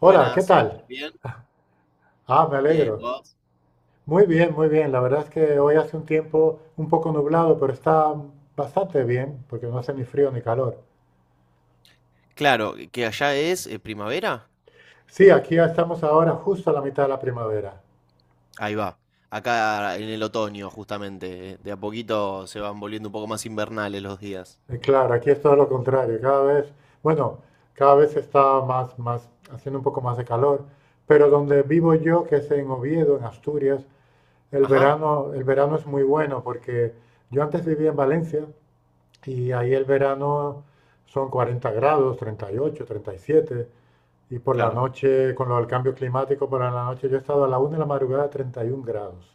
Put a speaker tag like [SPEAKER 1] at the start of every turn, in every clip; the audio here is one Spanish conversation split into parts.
[SPEAKER 1] Hola, ¿qué
[SPEAKER 2] Buenas, ¿me
[SPEAKER 1] tal?
[SPEAKER 2] escuchas bien?
[SPEAKER 1] Ah, me
[SPEAKER 2] Bien,
[SPEAKER 1] alegro.
[SPEAKER 2] ¿vos?
[SPEAKER 1] Muy bien, muy bien. La verdad es que hoy hace un tiempo un poco nublado, pero está bastante bien porque no hace ni frío ni calor.
[SPEAKER 2] Claro, que allá es primavera.
[SPEAKER 1] Sí, aquí ya estamos ahora justo a la mitad de la primavera.
[SPEAKER 2] Ahí va. Acá en el otoño, justamente. De a poquito se van volviendo un poco más invernales los días.
[SPEAKER 1] Claro, aquí es todo lo contrario. Bueno, cada vez está más, haciendo un poco más de calor. Pero donde vivo yo, que es en Oviedo, en Asturias, el
[SPEAKER 2] Ajá,
[SPEAKER 1] verano, el verano es muy bueno porque yo antes vivía en Valencia y ahí el verano son 40 grados, 38 37, y por la
[SPEAKER 2] claro.
[SPEAKER 1] noche, con lo del cambio climático, por la noche yo he estado a la 1 de la madrugada a 31 grados.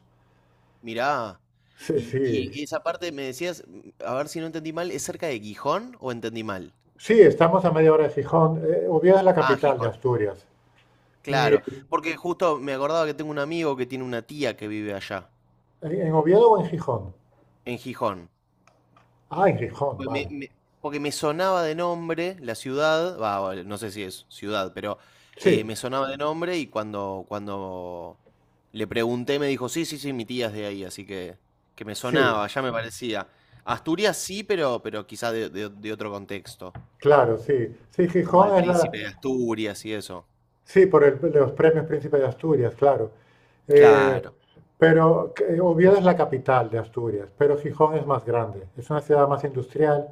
[SPEAKER 2] Mirá.
[SPEAKER 1] Sí,
[SPEAKER 2] Y,
[SPEAKER 1] sí.
[SPEAKER 2] y esa parte me decías, a ver si no entendí mal, ¿es cerca de Gijón o entendí mal?
[SPEAKER 1] Sí, estamos a media hora de Gijón. Oviedo es la
[SPEAKER 2] Ah,
[SPEAKER 1] capital de
[SPEAKER 2] Gijón.
[SPEAKER 1] Asturias. ¿Y
[SPEAKER 2] Claro, porque justo me acordaba que tengo un amigo que tiene una tía que vive allá,
[SPEAKER 1] en Oviedo o en Gijón?
[SPEAKER 2] en Gijón.
[SPEAKER 1] Ah, en Gijón,
[SPEAKER 2] Pues me-
[SPEAKER 1] vale.
[SPEAKER 2] me- Porque me sonaba de nombre la ciudad, va, no sé si es ciudad, pero
[SPEAKER 1] Sí,
[SPEAKER 2] me sonaba de nombre y cuando le pregunté me dijo, sí, sí, sí, mi tía es de ahí, así que me
[SPEAKER 1] sí,
[SPEAKER 2] sonaba, ya me parecía. Asturias sí, pero quizá de otro contexto,
[SPEAKER 1] claro, sí. Sí,
[SPEAKER 2] como del
[SPEAKER 1] Gijón es la.
[SPEAKER 2] príncipe de Asturias y eso.
[SPEAKER 1] Sí, por los premios Príncipe de Asturias, claro. Eh,
[SPEAKER 2] Claro.
[SPEAKER 1] pero Oviedo es la capital de Asturias, pero Gijón es más grande. Es una ciudad más industrial.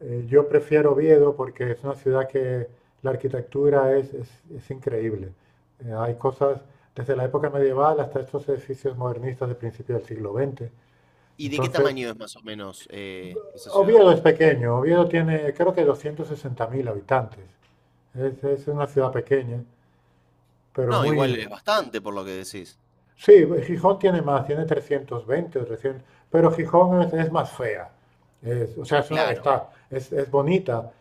[SPEAKER 1] Yo prefiero Oviedo porque es una ciudad que la arquitectura es increíble. Hay cosas desde la época medieval hasta estos edificios modernistas de principios del siglo XX.
[SPEAKER 2] ¿Y de qué
[SPEAKER 1] Entonces,
[SPEAKER 2] tamaño es más o menos esa ciudad?
[SPEAKER 1] Oviedo es pequeño. Oviedo tiene creo que 260.000 habitantes. Es una ciudad pequeña, pero
[SPEAKER 2] No,
[SPEAKER 1] muy.
[SPEAKER 2] igual es bastante por lo que decís.
[SPEAKER 1] Sí, Gijón tiene más, tiene 320 o 300, pero Gijón es más fea. O sea,
[SPEAKER 2] Claro.
[SPEAKER 1] está, es bonita,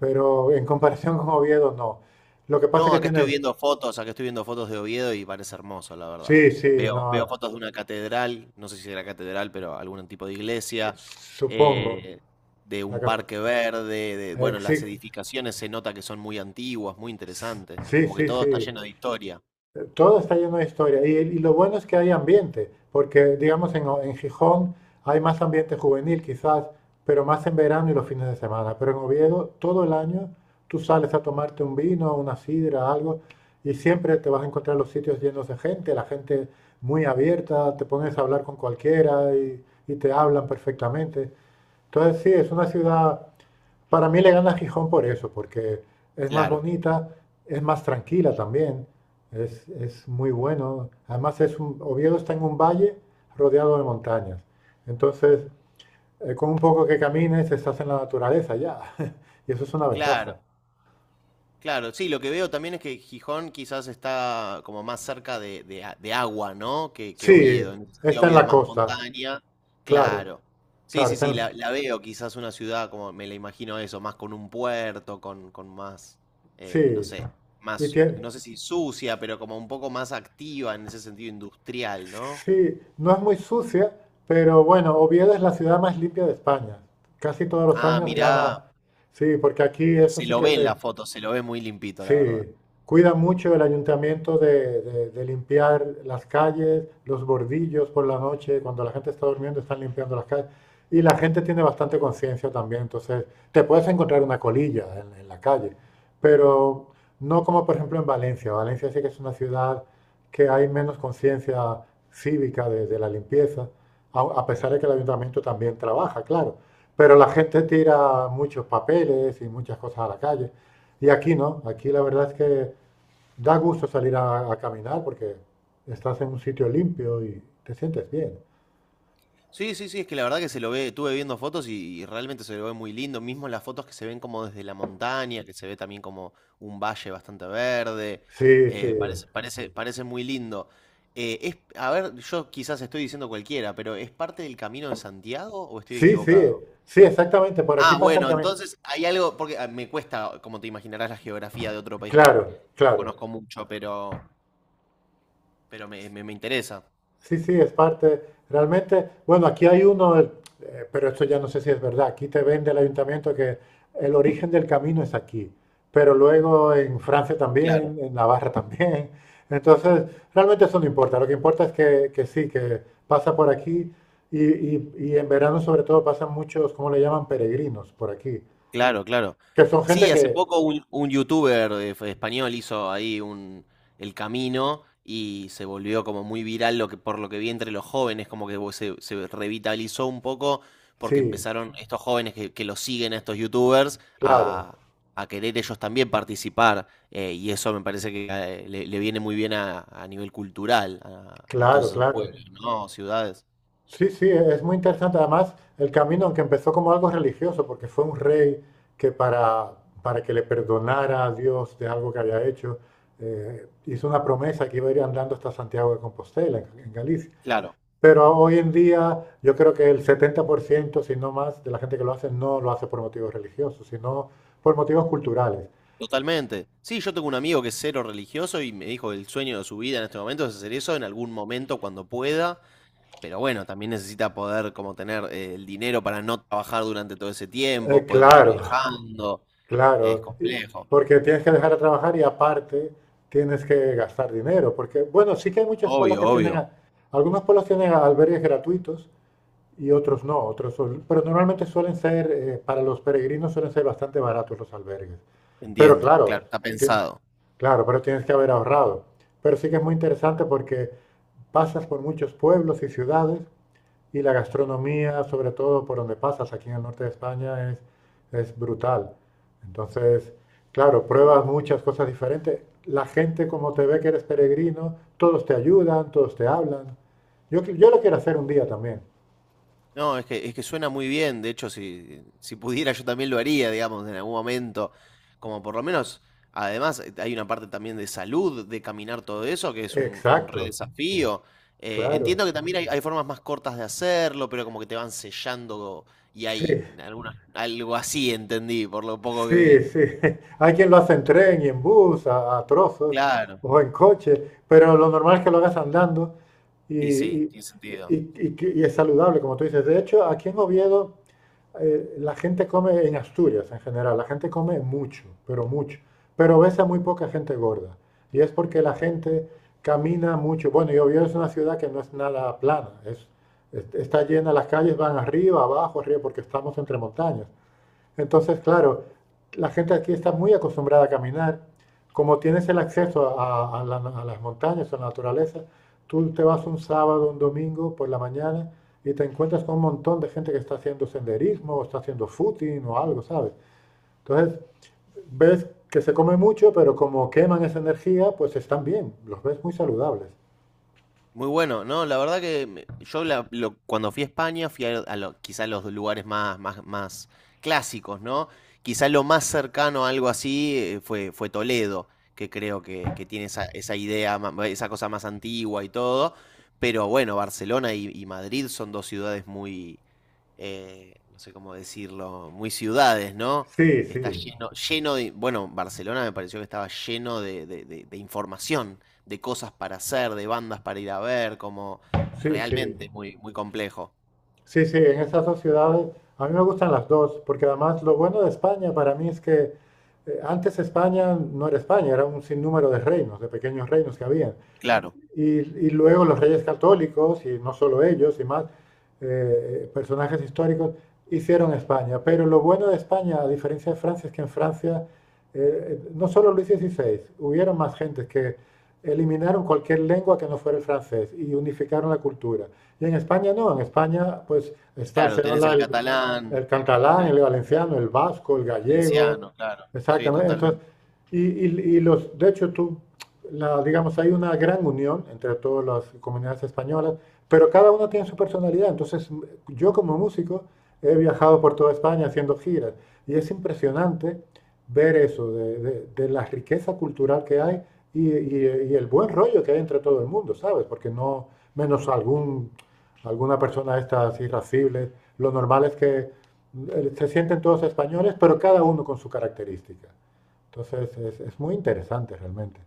[SPEAKER 1] pero en comparación con Oviedo no. Lo que pasa es
[SPEAKER 2] No,
[SPEAKER 1] que tiene,
[SPEAKER 2] acá estoy viendo fotos de Oviedo y parece hermoso, la verdad.
[SPEAKER 1] sí, sí,
[SPEAKER 2] Veo
[SPEAKER 1] no,
[SPEAKER 2] fotos de una catedral, no sé si era catedral, pero algún tipo de iglesia,
[SPEAKER 1] supongo.
[SPEAKER 2] eh, de
[SPEAKER 1] La,
[SPEAKER 2] un
[SPEAKER 1] cap-
[SPEAKER 2] parque verde, de, bueno, las
[SPEAKER 1] sí,
[SPEAKER 2] edificaciones se nota que son muy antiguas, muy interesantes,
[SPEAKER 1] sí,
[SPEAKER 2] como que
[SPEAKER 1] sí,
[SPEAKER 2] todo está
[SPEAKER 1] sí.
[SPEAKER 2] lleno de historia.
[SPEAKER 1] Todo está lleno de historia. Y lo bueno es que hay ambiente, porque digamos en Gijón hay más ambiente juvenil quizás, pero más en verano y los fines de semana. Pero en Oviedo todo el año tú sales a tomarte un vino, una sidra, algo, y siempre te vas a encontrar los sitios llenos de gente, la gente muy abierta, te pones a hablar con cualquiera y te hablan perfectamente. Entonces sí, es una ciudad, para mí le gana a Gijón por eso, porque es más
[SPEAKER 2] Claro,
[SPEAKER 1] bonita, es más tranquila también, es muy bueno. Además, Oviedo está en un valle rodeado de montañas. Entonces, con un poco que camines, estás en la naturaleza ya. Y eso es una ventaja.
[SPEAKER 2] claro. Claro, sí, lo que veo también es que Gijón quizás está como más cerca de agua, ¿no? Que
[SPEAKER 1] Sí,
[SPEAKER 2] Oviedo. En ese sentido,
[SPEAKER 1] está en
[SPEAKER 2] Oviedo
[SPEAKER 1] la
[SPEAKER 2] es más
[SPEAKER 1] costa,
[SPEAKER 2] montaña.
[SPEAKER 1] claro,
[SPEAKER 2] Claro. Sí,
[SPEAKER 1] claro,
[SPEAKER 2] sí,
[SPEAKER 1] está
[SPEAKER 2] sí,
[SPEAKER 1] en.
[SPEAKER 2] la veo quizás una ciudad como me la imagino eso, más con un puerto, con más, no
[SPEAKER 1] Sí,
[SPEAKER 2] sé,
[SPEAKER 1] y
[SPEAKER 2] más,
[SPEAKER 1] tiene.
[SPEAKER 2] no sé si sucia, pero como un poco más activa en ese sentido industrial, ¿no?
[SPEAKER 1] Sí, no es muy sucia, pero bueno, Oviedo es la ciudad más limpia de España. Casi todos los
[SPEAKER 2] Ah,
[SPEAKER 1] años
[SPEAKER 2] mirá,
[SPEAKER 1] gana. Sí, porque aquí eso
[SPEAKER 2] se
[SPEAKER 1] sí
[SPEAKER 2] lo
[SPEAKER 1] que
[SPEAKER 2] ve en
[SPEAKER 1] se.
[SPEAKER 2] la foto, se lo ve muy limpito,
[SPEAKER 1] Sí,
[SPEAKER 2] la verdad.
[SPEAKER 1] cuida mucho el ayuntamiento de, de limpiar las calles, los bordillos por la noche, cuando la gente está durmiendo están limpiando las calles. Y la gente tiene bastante conciencia también, entonces te puedes encontrar una colilla en la calle, pero no como por ejemplo en Valencia. Valencia sí que es una ciudad que hay menos conciencia cívica de la limpieza, a pesar de que el ayuntamiento también trabaja, claro. Pero la gente tira muchos papeles y muchas cosas a la calle. Y aquí no, aquí la verdad es que da gusto salir a caminar porque estás en un sitio limpio y te sientes bien.
[SPEAKER 2] Sí, sí, sí, es que la verdad que se lo ve, estuve viendo fotos y realmente se lo ve muy lindo, mismo las fotos que se ven como desde la montaña, que se ve también como un valle bastante verde,
[SPEAKER 1] Sí, sí,
[SPEAKER 2] parece, parece, parece muy lindo. Es, a ver, yo quizás estoy diciendo cualquiera, pero ¿es parte del Camino de Santiago o estoy
[SPEAKER 1] sí, sí,
[SPEAKER 2] equivocado?
[SPEAKER 1] sí, exactamente, por aquí
[SPEAKER 2] Ah,
[SPEAKER 1] pasa el
[SPEAKER 2] bueno,
[SPEAKER 1] camino.
[SPEAKER 2] entonces hay algo, porque ah, me cuesta, como te imaginarás, la geografía de otro país
[SPEAKER 1] Claro,
[SPEAKER 2] que no
[SPEAKER 1] claro.
[SPEAKER 2] conozco mucho, pero me interesa.
[SPEAKER 1] Sí, sí, es parte. Realmente, bueno, aquí hay uno, pero esto ya no sé si es verdad. Aquí te vende el ayuntamiento que el origen del camino es aquí, pero luego en Francia
[SPEAKER 2] Claro.
[SPEAKER 1] también, en Navarra también. Entonces, realmente eso no importa. Lo que importa es que sí, que pasa por aquí y en verano sobre todo pasan muchos, ¿cómo le llaman? Peregrinos por aquí,
[SPEAKER 2] Claro, claro.
[SPEAKER 1] que son gente
[SPEAKER 2] Sí,
[SPEAKER 1] que,
[SPEAKER 2] hace poco un youtuber fue español hizo ahí un, el camino y se volvió como muy viral lo que, por lo que vi entre los jóvenes, como que se revitalizó un poco porque
[SPEAKER 1] sí,
[SPEAKER 2] empezaron estos jóvenes que lo siguen a estos youtubers
[SPEAKER 1] claro,
[SPEAKER 2] a querer ellos también participar y eso me parece que le viene muy bien a nivel cultural a todos
[SPEAKER 1] claro,
[SPEAKER 2] esos
[SPEAKER 1] claro.
[SPEAKER 2] pueblos, ¿no? Ciudades.
[SPEAKER 1] Sí, sí, es muy interesante. Además, el camino, aunque empezó como algo religioso, porque fue un rey que para que le perdonara a Dios de algo que había hecho, hizo una promesa que iba a ir andando hasta Santiago de Compostela, en Galicia. Pero hoy en día yo creo que el 70%, si no más, de la gente que lo hace no lo hace por motivos religiosos, sino por motivos culturales.
[SPEAKER 2] Totalmente. Sí, yo tengo un amigo que es cero religioso y me dijo que el sueño de su vida en este momento es hacer eso en algún momento cuando pueda, pero bueno, también necesita poder como tener el dinero para no trabajar durante todo ese tiempo, poder estar
[SPEAKER 1] Claro.
[SPEAKER 2] viajando, es
[SPEAKER 1] Claro,
[SPEAKER 2] complejo.
[SPEAKER 1] porque tienes que dejar de trabajar y aparte tienes que gastar dinero, porque bueno, sí que hay muchos pueblos
[SPEAKER 2] Obvio,
[SPEAKER 1] que tienen,
[SPEAKER 2] obvio,
[SPEAKER 1] algunos pueblos tienen albergues gratuitos y otros no, pero normalmente suelen ser, para los peregrinos suelen ser bastante baratos los albergues. Pero
[SPEAKER 2] entiendo,
[SPEAKER 1] claro,
[SPEAKER 2] claro, está
[SPEAKER 1] tien-
[SPEAKER 2] pensado.
[SPEAKER 1] claro, pero tienes que haber ahorrado. Pero sí que es muy interesante porque pasas por muchos pueblos y ciudades y la gastronomía, sobre todo por donde pasas, aquí en el norte de España, es brutal. Entonces, claro,
[SPEAKER 2] Qué
[SPEAKER 1] pruebas
[SPEAKER 2] bueno.
[SPEAKER 1] muchas cosas diferentes. La gente, como te ve que eres peregrino, todos te ayudan, todos te hablan. Yo lo quiero hacer un día también.
[SPEAKER 2] No, es que suena muy bien. De hecho, si pudiera, yo también lo haría, digamos, en algún momento. Como por lo menos, además, hay una parte también de salud, de caminar todo eso, que es un re
[SPEAKER 1] Exacto,
[SPEAKER 2] desafío.
[SPEAKER 1] claro.
[SPEAKER 2] Entiendo que también hay formas más cortas de hacerlo, pero como que te van sellando y
[SPEAKER 1] Sí.
[SPEAKER 2] hay alguna, algo así, entendí, por lo poco que
[SPEAKER 1] Sí,
[SPEAKER 2] vi.
[SPEAKER 1] sí. Hay quien lo hace en tren y en bus, a trozos,
[SPEAKER 2] Claro,
[SPEAKER 1] o en coche, pero lo normal es que lo hagas andando y,
[SPEAKER 2] y sí,
[SPEAKER 1] y-
[SPEAKER 2] tiene sentido.
[SPEAKER 1] y es saludable, como tú dices. De hecho, aquí en Oviedo, la gente come, en Asturias en general, la gente come mucho. Pero ves a muy poca gente gorda. Y es porque la gente camina mucho. Bueno, y Oviedo es una ciudad que no es nada plana, está llena, las calles van arriba, abajo, arriba, porque estamos entre montañas. Entonces, claro, la gente aquí está muy acostumbrada a caminar. Como tienes el acceso a las montañas, a la naturaleza, tú te vas un sábado, un domingo por la mañana y te encuentras con un montón de gente que está haciendo senderismo o está haciendo footing o algo, ¿sabes? Entonces, ves que se come mucho, pero como queman esa energía, pues están bien, los ves muy saludables.
[SPEAKER 2] Muy bueno, no, la verdad que cuando fui a España fui a, quizá los lugares más, más, más clásicos, ¿no? Quizá lo más cercano a algo así fue, fue Toledo, que creo que tiene esa, esa idea, esa cosa más antigua y todo, pero bueno, Barcelona y Madrid son dos ciudades muy, no sé cómo decirlo, muy ciudades, ¿no?
[SPEAKER 1] Sí, sí,
[SPEAKER 2] Está lleno, lleno de, bueno, Barcelona me pareció que estaba lleno de, información, de cosas para hacer, de bandas para ir a ver, como
[SPEAKER 1] sí, sí.
[SPEAKER 2] realmente muy, muy complejo.
[SPEAKER 1] Sí, sí, en esas dos ciudades, a mí me gustan las dos, porque además lo bueno de España para mí es que antes España no era España, era un sinnúmero de reinos, de pequeños reinos que había
[SPEAKER 2] Claro,
[SPEAKER 1] y luego los reyes católicos, y no solo ellos, y más personajes históricos, hicieron España. Pero lo bueno de España, a diferencia de Francia, es que en Francia no solo Luis XVI, hubieron más gentes que eliminaron cualquier lengua que no fuera el francés y unificaron la cultura. Y en España no, en España pues está,
[SPEAKER 2] claro,
[SPEAKER 1] se
[SPEAKER 2] tenés
[SPEAKER 1] habla
[SPEAKER 2] el
[SPEAKER 1] el,
[SPEAKER 2] catalán,
[SPEAKER 1] el catalán,
[SPEAKER 2] el
[SPEAKER 1] el valenciano, el vasco, el gallego,
[SPEAKER 2] valenciano, claro. Sí,
[SPEAKER 1] exactamente. Entonces,
[SPEAKER 2] totalmente.
[SPEAKER 1] de hecho digamos, hay una gran unión entre todas las comunidades españolas, pero cada una tiene su personalidad. Entonces, yo como músico he viajado por toda España haciendo giras y es impresionante ver eso, de, de la riqueza cultural que hay y el buen rollo que hay entre todo el mundo, ¿sabes? Porque no, menos algún, alguna persona de estas irascibles, lo normal es que se sienten todos españoles, pero cada uno con su característica. Entonces, es muy interesante realmente.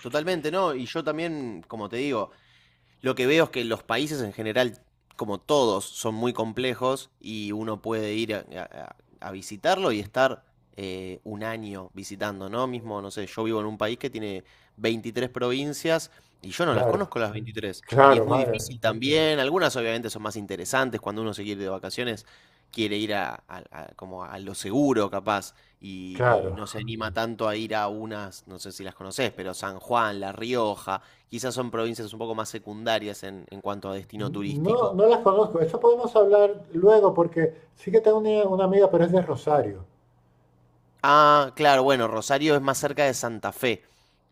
[SPEAKER 2] Totalmente, ¿no? Y yo también, como te digo, lo que veo es que los países en general, como todos, son muy complejos y uno puede ir a visitarlo y estar un año visitando, ¿no? Mismo, no sé, yo vivo en un país que tiene 23 provincias y yo no las
[SPEAKER 1] Claro,
[SPEAKER 2] conozco las 23. Y es
[SPEAKER 1] claro,
[SPEAKER 2] muy
[SPEAKER 1] madre,
[SPEAKER 2] difícil también, algunas obviamente son más interesantes cuando uno se quiere ir de vacaciones, quiere ir como a lo seguro capaz y
[SPEAKER 1] claro.
[SPEAKER 2] no se anima tanto a ir a unas, no sé si las conoces, pero San Juan, La Rioja quizás son provincias un poco más secundarias en cuanto a destino
[SPEAKER 1] No,
[SPEAKER 2] turístico.
[SPEAKER 1] no las conozco. Eso podemos hablar luego porque sí que tengo una amiga, pero es de Rosario.
[SPEAKER 2] Ah, claro, bueno, Rosario es más cerca de Santa Fe.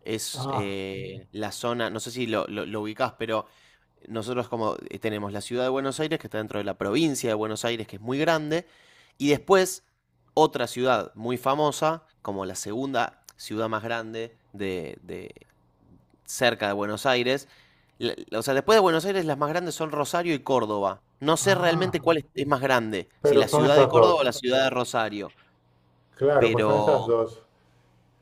[SPEAKER 2] Es
[SPEAKER 1] Ah,
[SPEAKER 2] la zona, no sé si lo ubicás, pero nosotros como tenemos la ciudad de Buenos Aires, que está dentro de la provincia de Buenos Aires, que es muy grande, y después otra ciudad muy famosa, como la segunda ciudad más grande cerca de Buenos Aires. O sea, después de Buenos Aires, las más grandes son Rosario y Córdoba. No sé
[SPEAKER 1] ah.
[SPEAKER 2] realmente cuál es más grande, si
[SPEAKER 1] Pero
[SPEAKER 2] la
[SPEAKER 1] son
[SPEAKER 2] ciudad de
[SPEAKER 1] esas
[SPEAKER 2] Córdoba
[SPEAKER 1] dos.
[SPEAKER 2] o la ciudad de Rosario,
[SPEAKER 1] Claro, pues son esas
[SPEAKER 2] pero...
[SPEAKER 1] dos.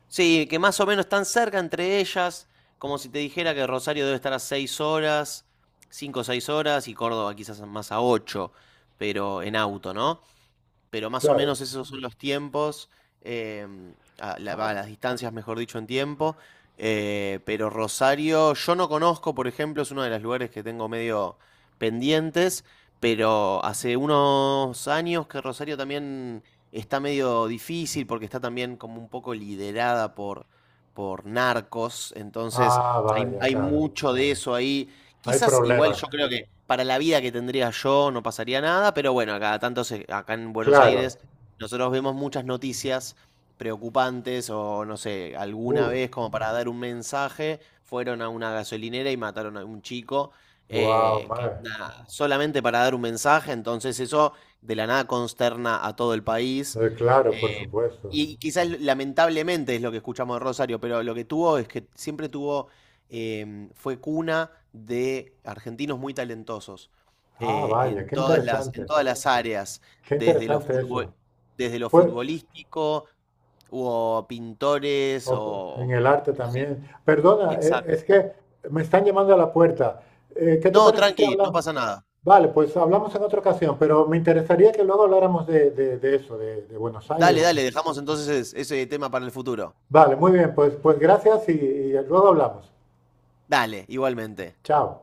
[SPEAKER 2] Sí, que más o menos están cerca entre ellas, como si te dijera que Rosario debe estar a 6 horas, 5 o 6 horas, y Córdoba quizás más a 8, pero en auto, ¿no? Pero más o
[SPEAKER 1] Claro.
[SPEAKER 2] menos esos son los tiempos,
[SPEAKER 1] Ah,
[SPEAKER 2] las distancias, mejor dicho, en tiempo. Pero Rosario, yo no conozco, por ejemplo, es uno de los lugares que tengo medio pendientes, pero hace unos años que Rosario también está medio difícil porque está también como un poco liderada por narcos, entonces
[SPEAKER 1] ah,
[SPEAKER 2] hay,
[SPEAKER 1] vaya,
[SPEAKER 2] hay
[SPEAKER 1] claro.
[SPEAKER 2] mucho de eso ahí.
[SPEAKER 1] Hay
[SPEAKER 2] Quizás igual
[SPEAKER 1] problemas.
[SPEAKER 2] yo creo que para la vida que tendría yo no pasaría nada, pero bueno, a cada tanto acá en Buenos
[SPEAKER 1] Claro.
[SPEAKER 2] Aires nosotros vemos muchas noticias preocupantes o no sé, alguna
[SPEAKER 1] Uf,
[SPEAKER 2] vez como para dar un mensaje, fueron a una gasolinera y mataron a un chico,
[SPEAKER 1] wow,
[SPEAKER 2] que
[SPEAKER 1] madre.
[SPEAKER 2] nada, solamente para dar un mensaje, entonces eso de la nada consterna a todo el país.
[SPEAKER 1] Claro, por
[SPEAKER 2] eh,
[SPEAKER 1] supuesto.
[SPEAKER 2] y quizás lamentablemente es lo que escuchamos de Rosario, pero lo que tuvo es que siempre tuvo fue cuna de argentinos muy talentosos
[SPEAKER 1] Ah, vaya, qué
[SPEAKER 2] en
[SPEAKER 1] interesante.
[SPEAKER 2] todas las áreas,
[SPEAKER 1] Qué
[SPEAKER 2] desde lo
[SPEAKER 1] interesante
[SPEAKER 2] futbol-
[SPEAKER 1] eso.
[SPEAKER 2] desde lo
[SPEAKER 1] Pues,
[SPEAKER 2] futbolístico, hubo pintores
[SPEAKER 1] o en
[SPEAKER 2] o...
[SPEAKER 1] el arte
[SPEAKER 2] gen-
[SPEAKER 1] también. Perdona,
[SPEAKER 2] Exacto.
[SPEAKER 1] es que me están llamando a la puerta. ¿Qué te
[SPEAKER 2] No,
[SPEAKER 1] parece si
[SPEAKER 2] tranqui, no
[SPEAKER 1] hablamos?
[SPEAKER 2] pasa nada.
[SPEAKER 1] Vale, pues hablamos en otra ocasión, pero me interesaría que luego habláramos de, de eso, de Buenos
[SPEAKER 2] Dale,
[SPEAKER 1] Aires.
[SPEAKER 2] dale, dejamos entonces ese tema para el futuro.
[SPEAKER 1] Vale, muy bien, pues gracias y luego hablamos.
[SPEAKER 2] Dale, igualmente.
[SPEAKER 1] Chao.